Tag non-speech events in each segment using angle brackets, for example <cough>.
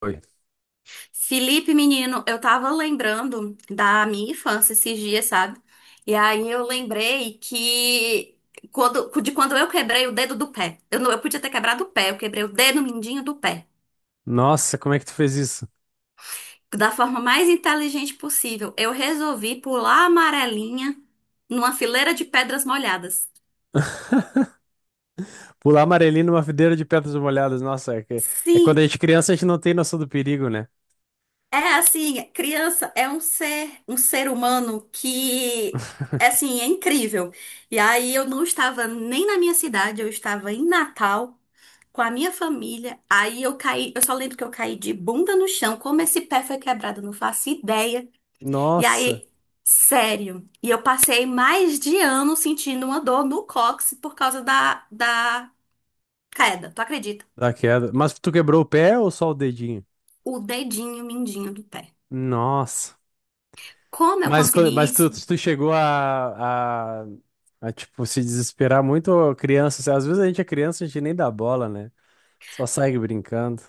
Foi. Felipe, menino, eu tava lembrando da minha infância esses dias, sabe? E aí eu lembrei que de quando eu quebrei o dedo do pé. Eu não, eu podia ter quebrado o pé, eu quebrei o dedo mindinho do pé. Nossa, como é que tu fez isso? Da forma mais inteligente possível, eu resolvi pular a amarelinha numa fileira de pedras molhadas. <laughs> Pular amarelinho numa videira de pedras molhadas. Nossa, é quando a Sim. gente é criança, a gente não tem noção do perigo, né? É assim, criança é um ser humano que é assim, é incrível. E aí eu não estava nem na minha cidade, eu estava em Natal com a minha família. Aí eu caí, eu só lembro que eu caí de bunda no chão, como esse pé foi quebrado, eu não faço ideia. E Nossa, aí, sério, e eu passei mais de ano sentindo uma dor no cóccix por causa da queda, tu acredita? da queda. Mas tu quebrou o pé ou só o dedinho? O dedinho mindinho do pé. Nossa. Como eu consegui Mas tu, isso? tu chegou a, tipo, se desesperar muito, ô, criança, assim. Às vezes a gente é criança, a gente nem dá bola, né? Só segue brincando.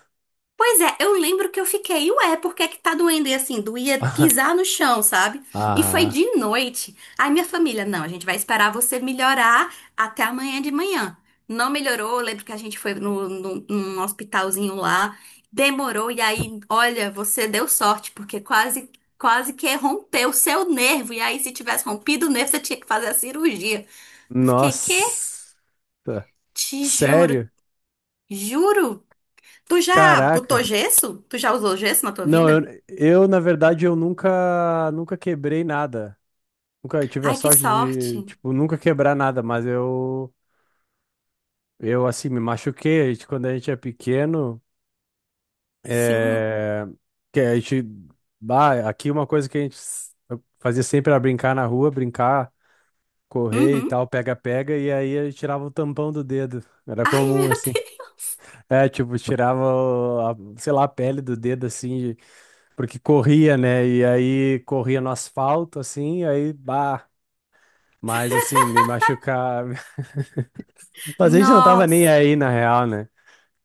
Pois é, eu lembro que eu fiquei, ué, por que que tá doendo? E assim, doía <laughs> pisar no chão, sabe? E foi de Ah, noite. Aí minha família, não, a gente vai esperar você melhorar até amanhã de manhã. Não melhorou, eu lembro que a gente foi num hospitalzinho lá, demorou, e aí, olha, você deu sorte, porque quase, quase que rompeu o seu nervo. E aí, se tivesse rompido o nervo, você tinha que fazer a cirurgia. Eu fiquei, quê? nossa. Te juro, Sério? juro. Tu já botou Caraca. gesso? Tu já usou gesso na tua Não, eu, vida? eu na verdade eu nunca quebrei nada. Nunca tive a Ai, que sorte sorte. de, tipo, nunca quebrar nada, mas eu assim me machuquei. A gente, quando a gente é pequeno, Sim. é que a gente, bah, aqui uma coisa que a gente fazia sempre era brincar na rua, brincar, correr e Uhum. tal, pega pega, e aí eu tirava o tampão do dedo. Era Ai, <laughs> comum meu assim. Deus. É, tipo, tirava, sei lá, a pele do dedo assim. Porque corria, né? E aí corria no asfalto, assim, e aí, bah. Mas, assim, me machucar. <laughs> Mas a gente não tava nem Nossa. aí, na real, né?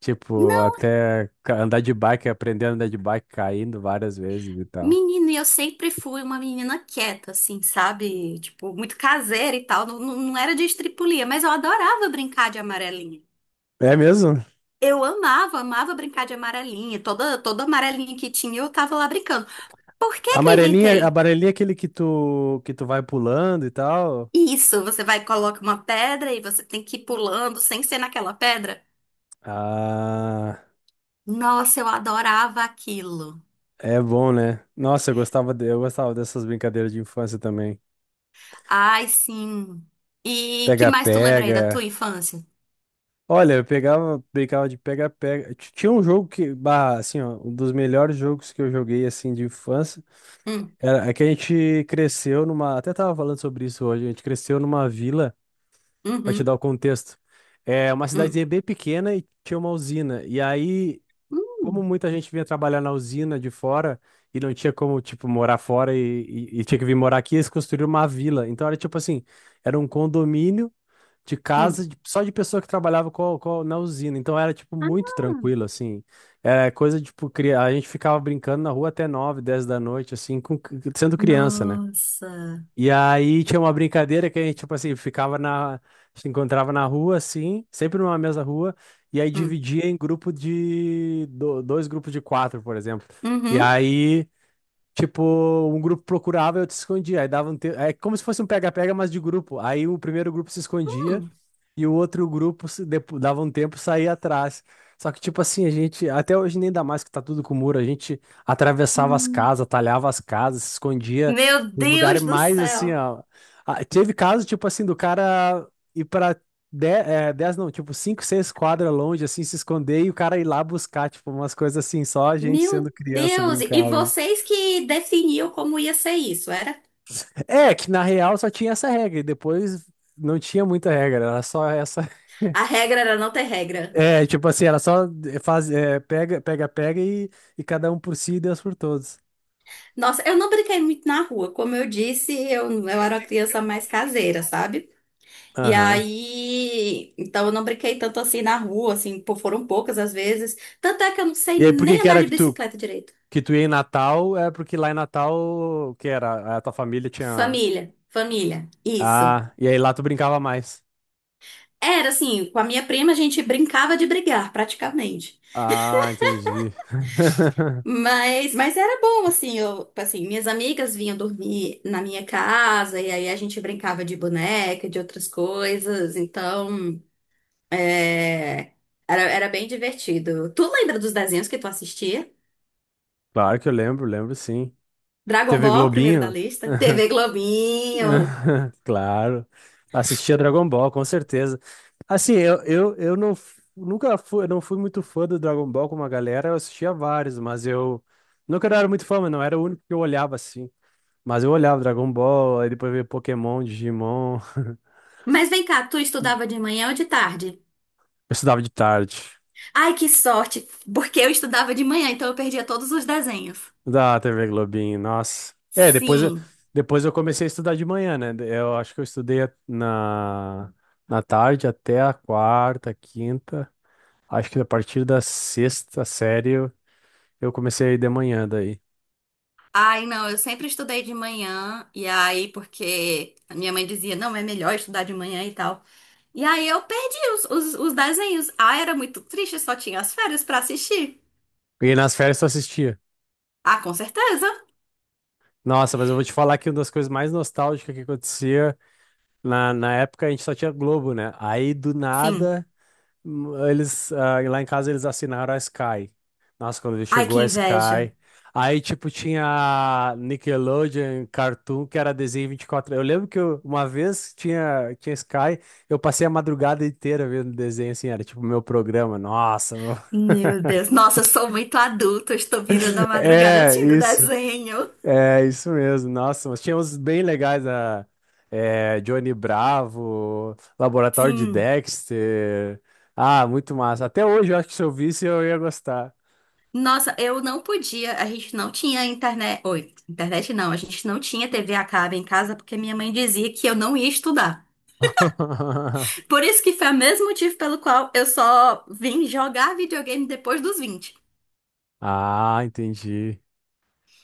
Tipo, Não, até andar de bike, aprender a andar de bike caindo várias vezes e tal. menino, e eu sempre fui uma menina quieta, assim, sabe? Tipo, muito caseira e tal. Não, não, não era de estripulia, mas eu adorava brincar de amarelinha. É mesmo? Eu amava, amava brincar de amarelinha. Toda amarelinha que tinha, eu tava lá brincando. Por que que eu Amarelinha, inventei amarelinha é aquele que tu vai pulando e tal. isso? Você vai e coloca uma pedra e você tem que ir pulando sem ser naquela pedra? Ah, Nossa, eu adorava aquilo. é bom, né? Nossa, eu gostava, eu gostava dessas brincadeiras de infância também. Ai, sim. E que mais tu lembra aí da Pega-pega. tua infância? Olha, eu pegava, brincava de pega-pega. Tinha um jogo que, bah, assim, ó, um dos melhores jogos que eu joguei, assim, de infância. Hum, Era, é que a gente cresceu numa. Até tava falando sobre isso hoje. A gente cresceu numa vila, pra te uhum, dar o contexto. É uma hum, cidadezinha bem pequena e tinha uma usina. E aí, como hum, muita gente vinha trabalhar na usina de fora e não tinha como, tipo, morar fora e tinha que vir morar aqui, eles construíram uma vila. Então era tipo assim, era um condomínio de hum. Só de pessoa que trabalhava na usina. Então era, tipo, Ah, muito tranquilo, assim. É coisa, tipo, a gente ficava brincando na rua até 9, 10 da noite, assim, com. Sendo criança, né? nossa. E aí tinha uma brincadeira que a gente, tipo assim, ficava na. Se encontrava na rua, assim, sempre numa mesma rua, e aí Hum, dividia em grupo de. Dois grupos de quatro, por exemplo. E uhum, aí. Tipo, um grupo procurava e outro se escondia. Aí dava um te. É como se fosse um pega-pega, mas de grupo. Aí o primeiro grupo se escondia hum, e o outro grupo se dava um tempo e saía atrás. Só que, tipo assim, a gente, até hoje nem dá mais que tá tudo com muro, a gente atravessava as hum. casas, talhava as casas, se escondia Meu nos lugares Deus do mais assim, céu. ó. Ah, teve caso, tipo assim, do cara ir pra 10, é, 10 não, tipo 5, 6 quadras longe, assim, se esconder e o cara ir lá buscar, tipo, umas coisas assim, só a gente Meu sendo criança Deus. E brincava. vocês que definiam como ia ser isso, era? É, que na real só tinha essa regra, e depois não tinha muita regra, era só essa. <laughs> A regra era não ter regra. É, tipo assim, era só faz, é, pega, pega, pega e cada um por si e Deus por todos. Nossa, eu não brinquei muito na rua. Como eu disse, eu era uma Esse é criança o mais nosso caseira, Nutricom. sabe? E Aham. aí, então eu não brinquei tanto assim na rua, assim, pô, foram poucas as vezes. Tanto é que eu não sei E aí, por que nem que andar era de que tu, bicicleta direito. que tu ia em Natal? É porque lá em Natal, o que era? A tua família tinha. Família, família, isso. Ah, e aí lá tu brincava mais. Era assim, com a minha prima a gente brincava de brigar, praticamente. Ah, entendi. <laughs> Mas era bom, assim, eu, assim, minhas amigas vinham dormir na minha casa, e aí a gente brincava de boneca, de outras coisas, então, é, era bem divertido. Tu lembra dos desenhos que tu assistia? Claro que eu lembro, lembro sim. Dragon TV Ball, primeiro da Globinho? lista. TV <laughs> Globinho. <laughs> Claro. Assistia Dragon Ball, com certeza. Assim, eu nunca fui, eu não fui muito fã do Dragon Ball com uma galera, eu assistia vários, mas eu nunca era muito fã, mas não era o único que eu olhava assim. Mas eu olhava Dragon Ball, aí depois veio Pokémon, Digimon. <laughs> Mas vem cá, tu estudava de manhã ou de tarde? Eu estudava de tarde, Ai, que sorte, porque eu estudava de manhã, então eu perdia todos os desenhos. da TV Globinho, nossa. É, depois eu, Sim. depois eu comecei a estudar de manhã, né? Eu acho que eu estudei na, na tarde até a quarta, quinta. Acho que a partir da sexta série eu comecei a ir de manhã daí. Ai, não, eu sempre estudei de manhã, e aí, porque a minha mãe dizia, não, é melhor estudar de manhã e tal. E aí eu perdi os desenhos. Ah, era muito triste, só tinha as férias pra assistir. E nas férias só assistia. Ah, com certeza. Nossa, mas eu vou te falar que uma das coisas mais nostálgicas que acontecia na época a gente só tinha Globo, né? Aí do Sim. nada, eles, lá em casa eles assinaram a Sky. Nossa, quando Ai, que chegou a inveja. Sky. Aí, tipo, tinha Nickelodeon, Cartoon, que era desenho 24. Eu lembro que uma vez tinha Sky, eu passei a madrugada inteira vendo desenho, assim, era tipo meu programa. Nossa. <laughs> Meu Deus, nossa, eu sou muito adulta, eu estou virando a madrugada É, assistindo isso. desenho. É, isso mesmo. Nossa, mas tinha uns bem legais Johnny Bravo, Laboratório de Sim. Dexter. Ah, muito massa. Até hoje eu acho que se eu visse eu ia gostar. Nossa, eu não podia, a gente não tinha internet. Oi, internet não, a gente não tinha TV a cabo em casa porque minha mãe dizia que eu não ia estudar. <laughs> Por isso que foi o mesmo motivo pelo qual eu só vim jogar videogame depois dos 20. Ah, entendi.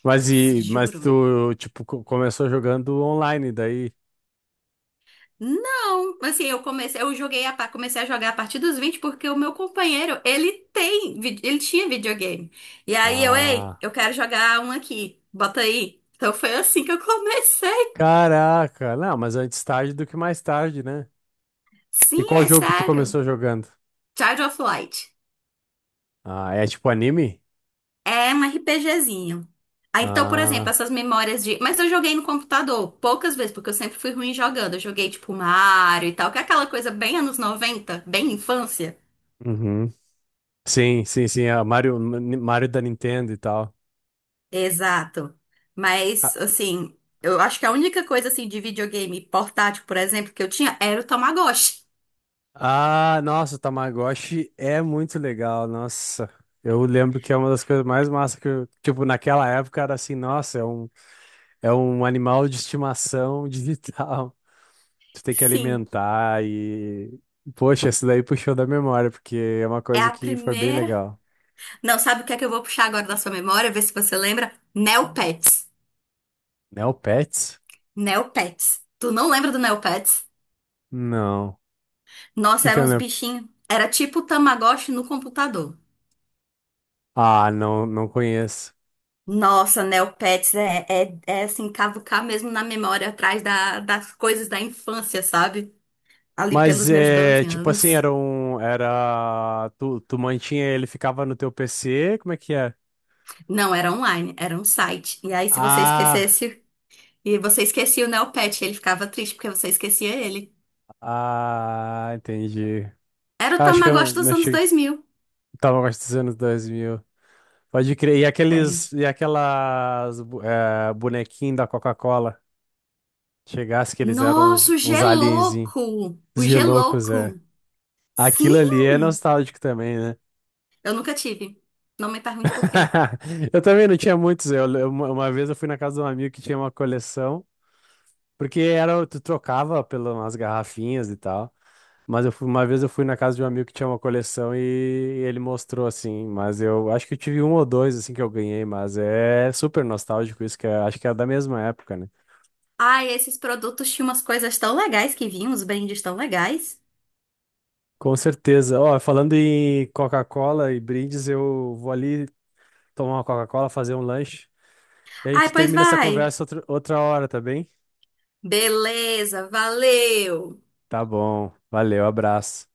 Mas Juro. tu tipo começou jogando online daí? Não, assim, eu comecei, eu joguei a, pa- comecei a jogar a partir dos 20 porque o meu companheiro, ele tinha videogame. E aí eu, ei, Ah, eu quero jogar um aqui, bota aí. Então foi assim que eu comecei. caraca. Não, mas antes tarde do que mais tarde, né? E Sim, qual é jogo que tu sério. começou jogando? Child of Light. Ah, é tipo anime? É um RPGzinho. Ah, então, por exemplo, Ah, essas memórias de. Mas eu joguei no computador poucas vezes, porque eu sempre fui ruim jogando. Eu joguei tipo Mario e tal, que é aquela coisa bem anos 90, bem infância. uhum. Sim, sim, sim, a Mario, Mario da Nintendo e tal. Exato. Ah, Mas, assim, eu acho que a única coisa, assim, de videogame portátil, por exemplo, que eu tinha era o Tamagotchi. ah, nossa, o Tamagotchi é muito legal, nossa. Eu lembro que é uma das coisas mais massas que eu, tipo, naquela época era assim, nossa, é um animal de estimação digital. <laughs> Tu tem que <laughs> Sim, alimentar e. Poxa, isso daí puxou da memória, porque é uma é coisa a que foi bem primeira. legal. Não, sabe o que é que eu vou puxar agora da sua memória, ver se você lembra? Neopets. Neopets? Neopets. Tu não lembra do Neopets? Não. O que Nossa, que eram é o uns Neo. bichinhos. Era tipo o Tamagotchi no computador. Ah, não, não conheço. Nossa, Neopets é assim, cavucar mesmo na memória atrás das coisas da infância, sabe? Ali pelos Mas meus é, 12 tipo assim, anos. era um, era, tu mantinha ele, ficava no teu PC, como é que é? Não, era online, era um site. E aí, se você Ah, esquecesse, e você esquecia o Neopet, ele ficava triste porque você esquecia ele. ah, entendi. Era o Acho que eu Tamagotchi dos não anos achei, 2000. tava mais dos anos 2000. Pode crer, e Sério. aqueles, e aquelas bonequinhos da Coca-Cola, chegasse que eles eram uns, Nossa, o uns alienzinhos, Gelouco! uns O geloucos, é. Gelouco! Aquilo Sim! ali é nostálgico também, né? Eu nunca tive. Não me pergunte por quê. <laughs> Eu também não tinha muitos. Eu, uma vez eu fui na casa de um amigo que tinha uma coleção. Porque era, tu trocava pelas garrafinhas e tal. Mas eu fui, uma vez eu fui na casa de um amigo que tinha uma coleção e ele mostrou assim, mas eu acho que eu tive um ou dois assim que eu ganhei, mas é super nostálgico isso, acho que é da mesma época, né? Ai, esses produtos tinham umas coisas tão legais que vinham, os brindes tão legais. Com certeza. Ó, falando em Coca-Cola e brindes, eu vou ali tomar uma Coca-Cola, fazer um lanche, e a Ai, gente pois termina essa vai. conversa outra, outra hora, tá bem? Beleza, valeu! Tá bom. Valeu, abraço.